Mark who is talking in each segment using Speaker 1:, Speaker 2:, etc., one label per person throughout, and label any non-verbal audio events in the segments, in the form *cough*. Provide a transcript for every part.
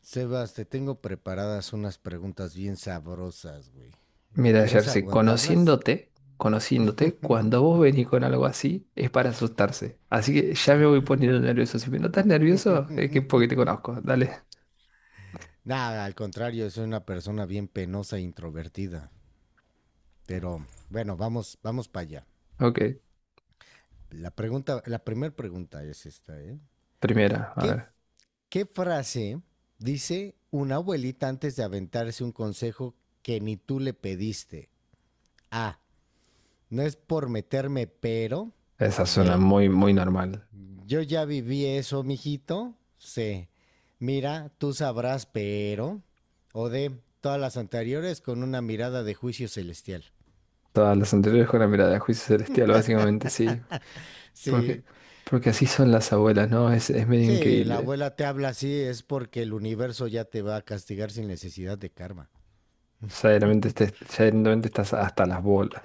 Speaker 1: Sebas, te tengo preparadas unas preguntas bien sabrosas, güey.
Speaker 2: Mira,
Speaker 1: ¿Quieres
Speaker 2: Jersey,
Speaker 1: aguantarlas?
Speaker 2: conociéndote, cuando vos venís con algo así, es para asustarse. Así que ya me voy poniendo nervioso. Si me notas nervioso, es que es porque te conozco. Dale.
Speaker 1: Nada, al contrario, soy una persona bien penosa e introvertida. Pero bueno, vamos, vamos para allá.
Speaker 2: Ok.
Speaker 1: La primera pregunta es esta, ¿eh?
Speaker 2: Primera, a
Speaker 1: ¿Qué,
Speaker 2: ver.
Speaker 1: ¿Qué frase dice una abuelita antes de aventarse un consejo que ni tú le pediste? A. No es por meterme, pero.
Speaker 2: Esa suena
Speaker 1: B.
Speaker 2: muy normal.
Speaker 1: Yo ya viví eso, mijito. Sí. Mira, tú sabrás, pero. O de todas las anteriores con una mirada de juicio celestial.
Speaker 2: Todas las anteriores con la mirada de juicio celestial, básicamente, sí. Porque,
Speaker 1: Sí.
Speaker 2: porque así son las abuelas, ¿no? Es medio
Speaker 1: Sí, la
Speaker 2: increíble.
Speaker 1: abuela te habla así, es porque el universo ya te va a castigar sin necesidad de karma.
Speaker 2: Ya directamente, ya directamente estás hasta las bolas.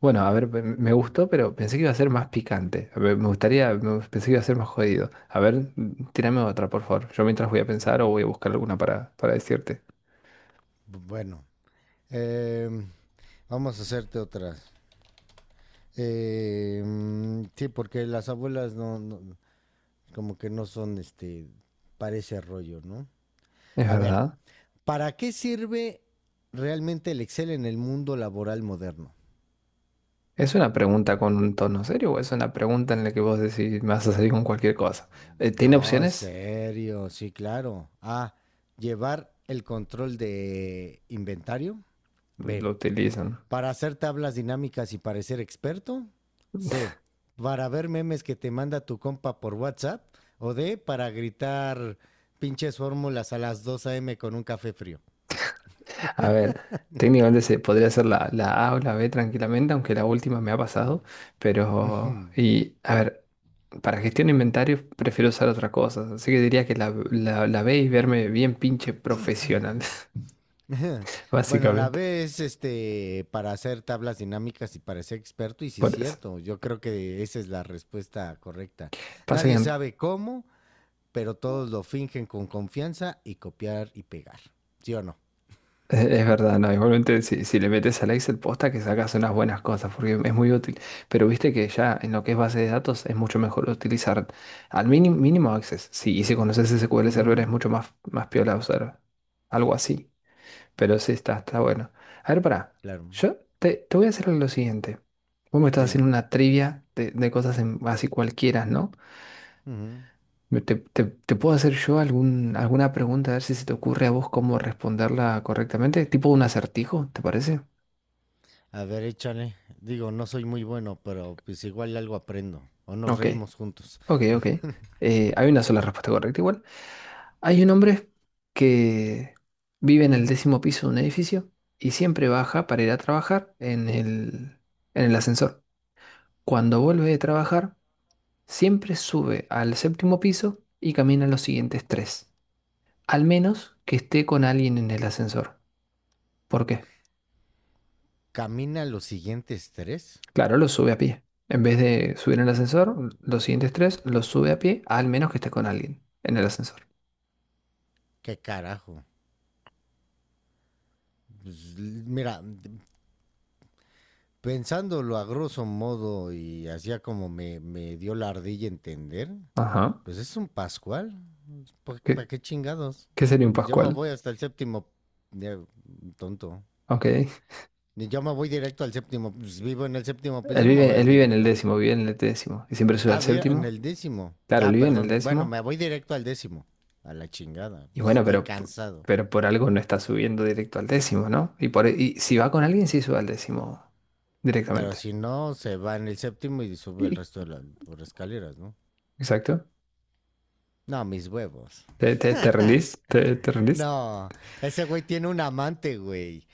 Speaker 2: Bueno, a ver, me
Speaker 1: Mm,
Speaker 2: gustó, pero pensé que iba a ser más picante. A ver, me gustaría, pensé que iba a ser más jodido. A ver, tírame otra, por favor. Yo mientras voy a pensar o
Speaker 1: mm.
Speaker 2: voy a buscar alguna para decirte.
Speaker 1: Bueno, eh, vamos a hacerte otras. Sí, porque las abuelas como que no son este, parece rollo, ¿no?
Speaker 2: ¿Es
Speaker 1: A ver,
Speaker 2: verdad?
Speaker 1: ¿para qué sirve realmente el Excel en el mundo laboral moderno?
Speaker 2: ¿Es una pregunta con un tono serio o es una pregunta en la que vos decís, me vas a salir con cualquier cosa? ¿Tiene
Speaker 1: No, es
Speaker 2: opciones?
Speaker 1: serio, sí, claro. A. Llevar el control de inventario.
Speaker 2: Lo
Speaker 1: B.
Speaker 2: utilizan.
Speaker 1: Para hacer tablas dinámicas y parecer experto. C. Para ver memes que te manda tu compa por WhatsApp. O D. Para gritar pinches fórmulas a las 2 a.m. con un café frío.
Speaker 2: A ver, técnicamente se podría ser la A o la B tranquilamente, aunque la última me ha pasado.
Speaker 1: *clears throat*
Speaker 2: A ver, para gestión de inventarios prefiero usar otra cosa, así que diría que la ve y verme bien pinche profesional,
Speaker 1: *laughs* *laughs*
Speaker 2: *laughs*
Speaker 1: Bueno, la
Speaker 2: básicamente,
Speaker 1: B es este para hacer tablas dinámicas y para ser experto, y sí es
Speaker 2: por eso.
Speaker 1: cierto, yo creo que esa es la respuesta correcta.
Speaker 2: Pasa que
Speaker 1: Nadie sabe cómo, pero todos lo fingen con confianza y copiar y pegar. ¿Sí o no?
Speaker 2: es verdad, ¿no? Igualmente si le metes al Excel posta que sacas unas buenas cosas, porque es muy útil, pero viste que ya en lo que es base de datos es mucho mejor utilizar al mínimo, mínimo Access, sí, y si conoces SQL Server es
Speaker 1: Ujú,
Speaker 2: mucho más piola usar algo así. Pero sí, está bueno. A ver, pará.
Speaker 1: claro,
Speaker 2: Yo te voy a hacer lo siguiente. Vos me estás haciendo
Speaker 1: dime.
Speaker 2: una trivia de cosas así cualquiera, ¿no?
Speaker 1: Ujú.
Speaker 2: Te puedo hacer yo algún, alguna pregunta, a ver si se te ocurre a vos cómo responderla correctamente. Tipo un acertijo, ¿te parece?
Speaker 1: A ver, échale. Digo, no soy muy bueno, pero pues igual algo aprendo. O nos
Speaker 2: Ok,
Speaker 1: reímos juntos.
Speaker 2: ok. Hay una sola respuesta correcta igual. Hay un hombre que vive en el décimo piso de un edificio y siempre baja para ir a trabajar en el ascensor. Cuando vuelve de trabajar siempre sube al séptimo piso y camina los siguientes tres, al menos que esté con alguien en el ascensor. ¿Por qué?
Speaker 1: Camina los siguientes tres.
Speaker 2: Claro, lo sube a pie. En vez de subir en el ascensor, los siguientes tres los sube a pie, al menos que esté con alguien en el ascensor.
Speaker 1: ¿Qué carajo? Pues, mira, pensándolo a grosso modo y hacía como me dio la ardilla entender,
Speaker 2: Ajá.
Speaker 1: pues es un Pascual. Pues, ¿para
Speaker 2: ¿Qué,
Speaker 1: qué chingados?
Speaker 2: qué sería un
Speaker 1: Yo me
Speaker 2: Pascual?
Speaker 1: voy hasta el séptimo. Ya, tonto.
Speaker 2: Ok.
Speaker 1: Yo me voy directo al séptimo. Pues vivo en el séptimo piso, me voy al
Speaker 2: Él vive en el
Speaker 1: directo.
Speaker 2: décimo, vive en el décimo. Y siempre sube al
Speaker 1: Ah, en
Speaker 2: séptimo.
Speaker 1: el décimo.
Speaker 2: Claro, él
Speaker 1: Ah,
Speaker 2: vive en el
Speaker 1: perdón. Bueno,
Speaker 2: décimo.
Speaker 1: me voy directo al décimo. A la chingada.
Speaker 2: Y
Speaker 1: Pues
Speaker 2: bueno,
Speaker 1: estoy cansado.
Speaker 2: pero por algo no está subiendo directo al décimo, ¿no? Y si va con alguien, sí sube al décimo
Speaker 1: Pero
Speaker 2: directamente.
Speaker 1: si no, se va en el séptimo y sube el
Speaker 2: ¿Y
Speaker 1: resto de las por escaleras, ¿no?
Speaker 2: exacto.
Speaker 1: No, mis huevos.
Speaker 2: Te rendís? Te rendís?
Speaker 1: No, ese güey tiene un amante, güey.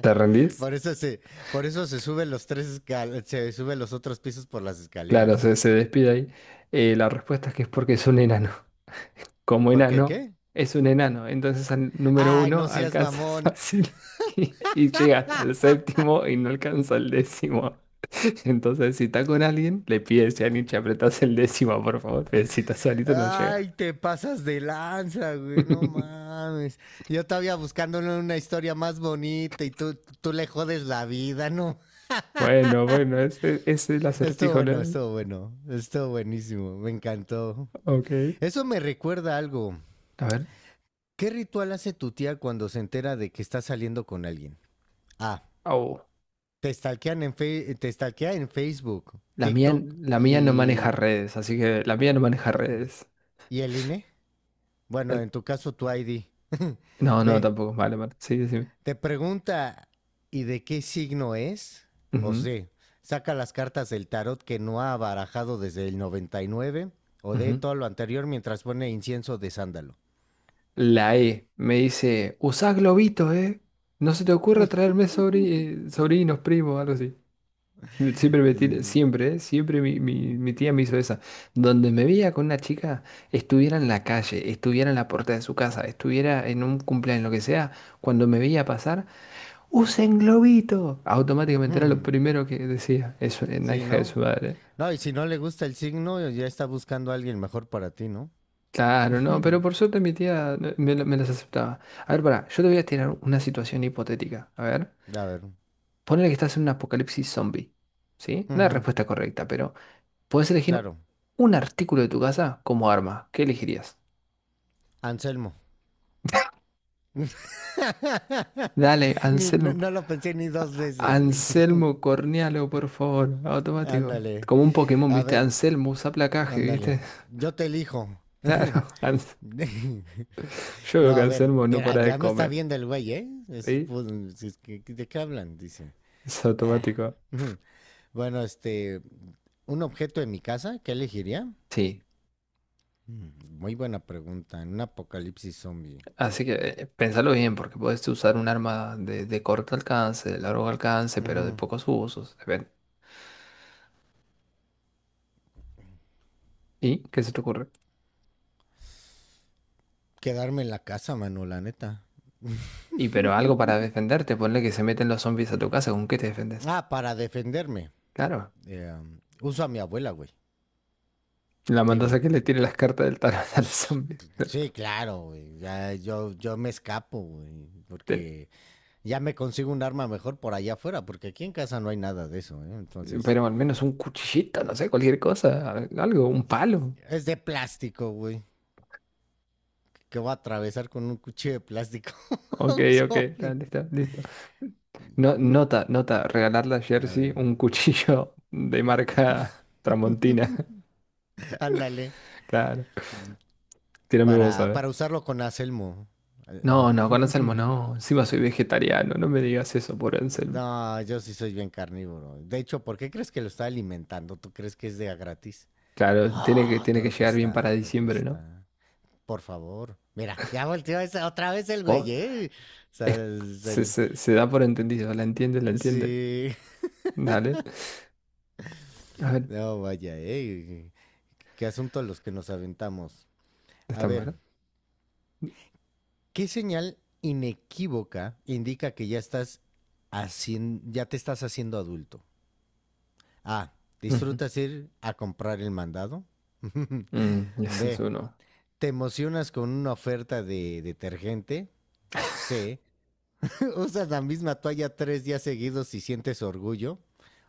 Speaker 2: ¿Te rendís?
Speaker 1: Por eso se, por eso se sube los tres se sube los otros pisos por las
Speaker 2: Claro,
Speaker 1: escaleras.
Speaker 2: se despide ahí. La respuesta es que es porque es un enano. *laughs* Como
Speaker 1: ¿Por qué
Speaker 2: enano,
Speaker 1: qué?
Speaker 2: es un enano. Entonces al número
Speaker 1: Ay,
Speaker 2: uno
Speaker 1: no seas
Speaker 2: alcanza *laughs*
Speaker 1: mamón.
Speaker 2: fácil y llega hasta el séptimo y no alcanza el décimo. *laughs* Entonces, si está con alguien, le pides, Yanich, apretás el décimo, por favor. Pero si estás solito, no llega.
Speaker 1: Ay, te pasas de lanza, güey. No
Speaker 2: *laughs*
Speaker 1: mames. Yo todavía buscándole una historia más bonita y tú le jodes la vida, ¿no?
Speaker 2: Bueno, bueno, ese es el
Speaker 1: Estuvo
Speaker 2: acertijo,
Speaker 1: bueno,
Speaker 2: ¿no?
Speaker 1: estuvo bueno. Estuvo buenísimo. Me encantó.
Speaker 2: Ok.
Speaker 1: Eso me recuerda a algo.
Speaker 2: A ver.
Speaker 1: ¿Qué ritual hace tu tía cuando se entera de que está saliendo con alguien? A.
Speaker 2: Au.
Speaker 1: Te stalkea en Facebook,
Speaker 2: La mía,
Speaker 1: TikTok
Speaker 2: la mía no maneja redes, así que la mía no maneja
Speaker 1: y,
Speaker 2: redes.
Speaker 1: y el INE. Bueno,
Speaker 2: El-
Speaker 1: en tu caso, tu ID. *laughs*
Speaker 2: no, no,
Speaker 1: Ve,
Speaker 2: tampoco. Vale, vale. Sí, decime.
Speaker 1: te pregunta, ¿y de qué signo es? O
Speaker 2: Ujú,
Speaker 1: sea, saca las cartas del tarot que no ha barajado desde el 99 o de
Speaker 2: ujú.
Speaker 1: todo lo anterior mientras pone incienso de sándalo.
Speaker 2: La E me dice, usá globitos, ¿eh? No se te ocurra traerme sobrinos, primos, algo así.
Speaker 1: Mm,
Speaker 2: Siempre, ¿eh? Siempre mi tía me hizo esa. Donde me veía con una chica, estuviera en la calle, estuviera en la puerta de su casa, estuviera en un cumpleaños, lo que sea, cuando me veía pasar. Usen globito. Automáticamente era lo
Speaker 1: hmm,
Speaker 2: primero que decía. Es una
Speaker 1: sí,
Speaker 2: hija de
Speaker 1: ¿no?
Speaker 2: su madre.
Speaker 1: No, y si no le gusta el signo, ya está buscando a alguien mejor para ti, ¿no?
Speaker 2: Claro, no, pero
Speaker 1: *laughs*
Speaker 2: por suerte mi tía me las aceptaba. A ver, pará, yo te voy a tirar una situación hipotética. A ver,
Speaker 1: A ver.
Speaker 2: ponele que estás en un apocalipsis zombie. ¿Sí? No hay
Speaker 1: Ujú,
Speaker 2: respuesta correcta, pero puedes elegir
Speaker 1: claro.
Speaker 2: un artículo de tu casa como arma. ¿Qué elegirías?
Speaker 1: Anselmo.
Speaker 2: Dale,
Speaker 1: *laughs* No,
Speaker 2: Anselmo.
Speaker 1: no lo pensé ni 2 veces, güey.
Speaker 2: Anselmo Cornialo, por favor. Automático.
Speaker 1: Ándale.
Speaker 2: Como un Pokémon,
Speaker 1: A
Speaker 2: ¿viste?
Speaker 1: ver,
Speaker 2: Anselmo usa placaje,
Speaker 1: ándale.
Speaker 2: ¿viste? *laughs*
Speaker 1: Yo te elijo. *laughs*
Speaker 2: Claro. Anselmo. Yo veo
Speaker 1: No,
Speaker 2: que
Speaker 1: a ver,
Speaker 2: Anselmo no
Speaker 1: mira,
Speaker 2: para de
Speaker 1: ya me está
Speaker 2: comer,
Speaker 1: viendo el güey, ¿eh? Es,
Speaker 2: ¿sí?
Speaker 1: pues, si es que- ¿De qué hablan? Dice.
Speaker 2: Es
Speaker 1: Ah.
Speaker 2: automático.
Speaker 1: *laughs* Bueno, un objeto de mi casa, ¿qué elegiría?
Speaker 2: Sí,
Speaker 1: Mm, Muy buena pregunta. En un apocalipsis zombie.
Speaker 2: así que pensalo bien, porque puedes usar un arma de corto alcance, de largo alcance, pero de
Speaker 1: Ujú.
Speaker 2: pocos usos. Depende. ¿Y qué se te ocurre?
Speaker 1: Quedarme en la casa, mano, la neta.
Speaker 2: Y pero algo para defenderte, ponle que se meten los zombies a tu casa, ¿con qué te defendes?
Speaker 1: Ah, para defenderme.
Speaker 2: Claro,
Speaker 1: Uso a mi abuela, güey.
Speaker 2: la
Speaker 1: Digo,
Speaker 2: mandas a que le tire las cartas del tarot *laughs* a los
Speaker 1: pues
Speaker 2: zombies.
Speaker 1: sí, claro, güey. Ya, yo me escapo, güey,
Speaker 2: Ten-
Speaker 1: porque ya me consigo un arma mejor por allá afuera, porque aquí en casa no hay nada de eso, ¿eh? Entonces,
Speaker 2: Pero al menos un cuchillito, no sé, cualquier cosa, algo, un palo.
Speaker 1: es de plástico, güey, que voy a atravesar con un cuchillo de plástico *laughs* a
Speaker 2: Ok,
Speaker 1: un
Speaker 2: ok, está,
Speaker 1: zombie.
Speaker 2: listo, listo. No, nota, nota, regalarle a
Speaker 1: A
Speaker 2: Jersey
Speaker 1: ver,
Speaker 2: un *laughs* cuchillo de marca Tramontina,
Speaker 1: ándale,
Speaker 2: claro. Tírame vos a
Speaker 1: para,
Speaker 2: ver.
Speaker 1: para usarlo con acelmo.
Speaker 2: No, no, con Anselmo
Speaker 1: *laughs*
Speaker 2: no. Encima soy vegetariano, no me digas eso por Anselmo.
Speaker 1: No, yo sí soy bien carnívoro. De hecho, ¿por qué crees que lo está alimentando? ¿Tú crees que es de a gratis?
Speaker 2: Claro,
Speaker 1: Ah,
Speaker 2: tiene que
Speaker 1: todo
Speaker 2: llegar bien para
Speaker 1: cuesta, todo
Speaker 2: diciembre, ¿no?
Speaker 1: cuesta. Por favor. Mira, ya volteó otra vez el güey,
Speaker 2: Vos,
Speaker 1: ¿eh? O sea,
Speaker 2: es- se da por entendido, la entiende, la entiende.
Speaker 1: sí. *laughs*
Speaker 2: Dale. A ver,
Speaker 1: No, vaya, ¿eh? Qué asunto los que nos aventamos. A
Speaker 2: está
Speaker 1: ver,
Speaker 2: bueno.
Speaker 1: ¿qué señal inequívoca indica que ya te estás haciendo adulto? A.
Speaker 2: Ujú.
Speaker 1: Disfrutas ir a comprar el mandado. *laughs*
Speaker 2: Mm, ese es
Speaker 1: B.
Speaker 2: uno.
Speaker 1: Te emocionas con una oferta de detergente. C. *laughs* Usas la misma toalla 3 días seguidos y sientes orgullo.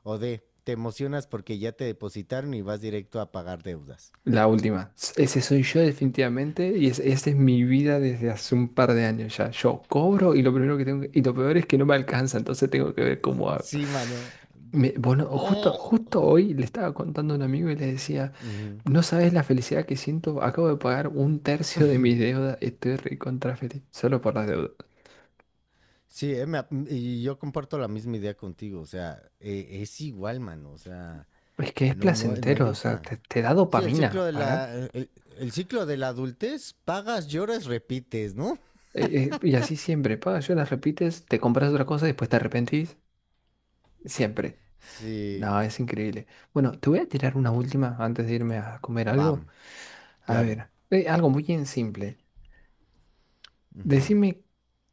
Speaker 1: O D. Te emocionas porque ya te depositaron y vas directo a pagar deudas.
Speaker 2: La última. Ese soy yo definitivamente y es, esa es mi vida desde hace un par de años ya. Yo cobro y lo primero que y lo peor es que no me alcanza, entonces tengo que ver cómo hago.
Speaker 1: Sí, mano.
Speaker 2: Justo,
Speaker 1: Oh.
Speaker 2: justo hoy le estaba contando a un amigo y le decía,
Speaker 1: Ujú.
Speaker 2: no sabes la felicidad que siento, acabo de pagar un tercio de mis deudas, estoy recontra feliz, solo por las deudas.
Speaker 1: Sí, y yo comparto la misma idea contigo. O sea, es igual, mano. O sea,
Speaker 2: Es que es
Speaker 1: no, no, no
Speaker 2: placentero,
Speaker 1: hay
Speaker 2: o sea,
Speaker 1: otra.
Speaker 2: te da
Speaker 1: Sí, el ciclo
Speaker 2: dopamina
Speaker 1: de
Speaker 2: pagar.
Speaker 1: la, el, el ciclo de la adultez, pagas, lloras, repites, ¿no?
Speaker 2: Y así siempre, pagas, yo las repites, te compras otra cosa y después te arrepentís, siempre.
Speaker 1: Sí,
Speaker 2: No, es increíble. Bueno, te voy a tirar una última antes de irme a comer algo.
Speaker 1: bam,
Speaker 2: A
Speaker 1: claro.
Speaker 2: ver, algo muy bien simple.
Speaker 1: Ujú.
Speaker 2: Decime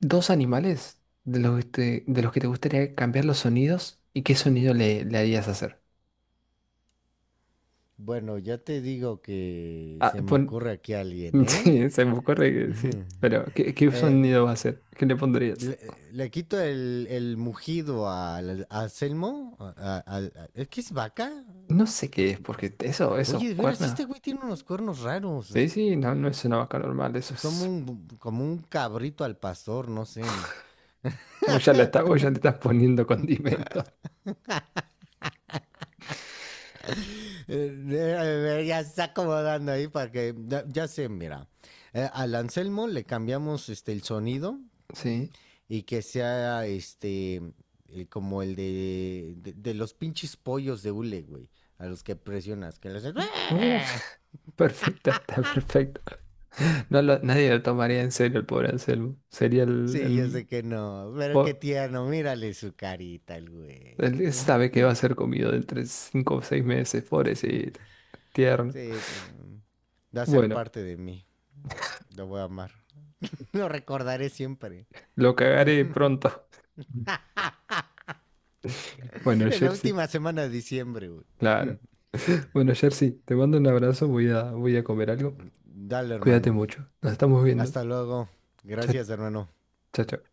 Speaker 2: dos animales de los que de los que te gustaría cambiar los sonidos y qué sonido le harías hacer.
Speaker 1: Bueno, ya te digo que
Speaker 2: Ah,
Speaker 1: se me
Speaker 2: pon...
Speaker 1: ocurre aquí alguien,
Speaker 2: *laughs*
Speaker 1: ¿eh?
Speaker 2: Sí, se me ocurre que sí.
Speaker 1: *laughs*
Speaker 2: Pero, ¿qué
Speaker 1: Eh,
Speaker 2: sonido va a hacer? ¿Qué le pondrías?
Speaker 1: le quito el mugido a Selmo. ¿Es que es vaca?
Speaker 2: No sé qué es, porque
Speaker 1: Oye,
Speaker 2: eso,
Speaker 1: de veras, este
Speaker 2: cuerna.
Speaker 1: güey tiene unos cuernos raros.
Speaker 2: Sí,
Speaker 1: Es
Speaker 2: sí, no, no es una vaca normal, eso
Speaker 1: es como
Speaker 2: es...
Speaker 1: un cabrito al pastor, no sé. *laughs*
Speaker 2: Vos ya le estás, vos ya le estás poniendo condimentos.
Speaker 1: Ya se está acomodando ahí para que. Ya sé, mira. Al Anselmo le cambiamos el sonido
Speaker 2: *laughs* Sí.
Speaker 1: y que sea como el de los pinches pollos de hule, güey, a los que presionas, que los...
Speaker 2: Perfecto, *laughs* está perfecto. Nadie lo tomaría en serio el pobre Anselmo. Sería
Speaker 1: Sí, yo sé que no, pero qué
Speaker 2: po-
Speaker 1: tierno, mírale su carita, el güey.
Speaker 2: el que sabe
Speaker 1: *laughs*
Speaker 2: que va a ser comido de entre 5 o 6 meses, pobrecito, tierno.
Speaker 1: Sí, va a ser
Speaker 2: Bueno,
Speaker 1: parte de mí, lo voy a amar. *laughs* Lo recordaré siempre.
Speaker 2: lo cagaré pronto. *laughs* Bueno,
Speaker 1: En la
Speaker 2: Jersey,
Speaker 1: última semana de diciembre, güey.
Speaker 2: claro. Bueno, Jersey, te mando un abrazo, voy a, voy a comer algo.
Speaker 1: Dale,
Speaker 2: Cuídate
Speaker 1: hermano.
Speaker 2: mucho. Nos estamos viendo.
Speaker 1: Hasta luego.
Speaker 2: Chao,
Speaker 1: Gracias, hermano.
Speaker 2: chao. Chao.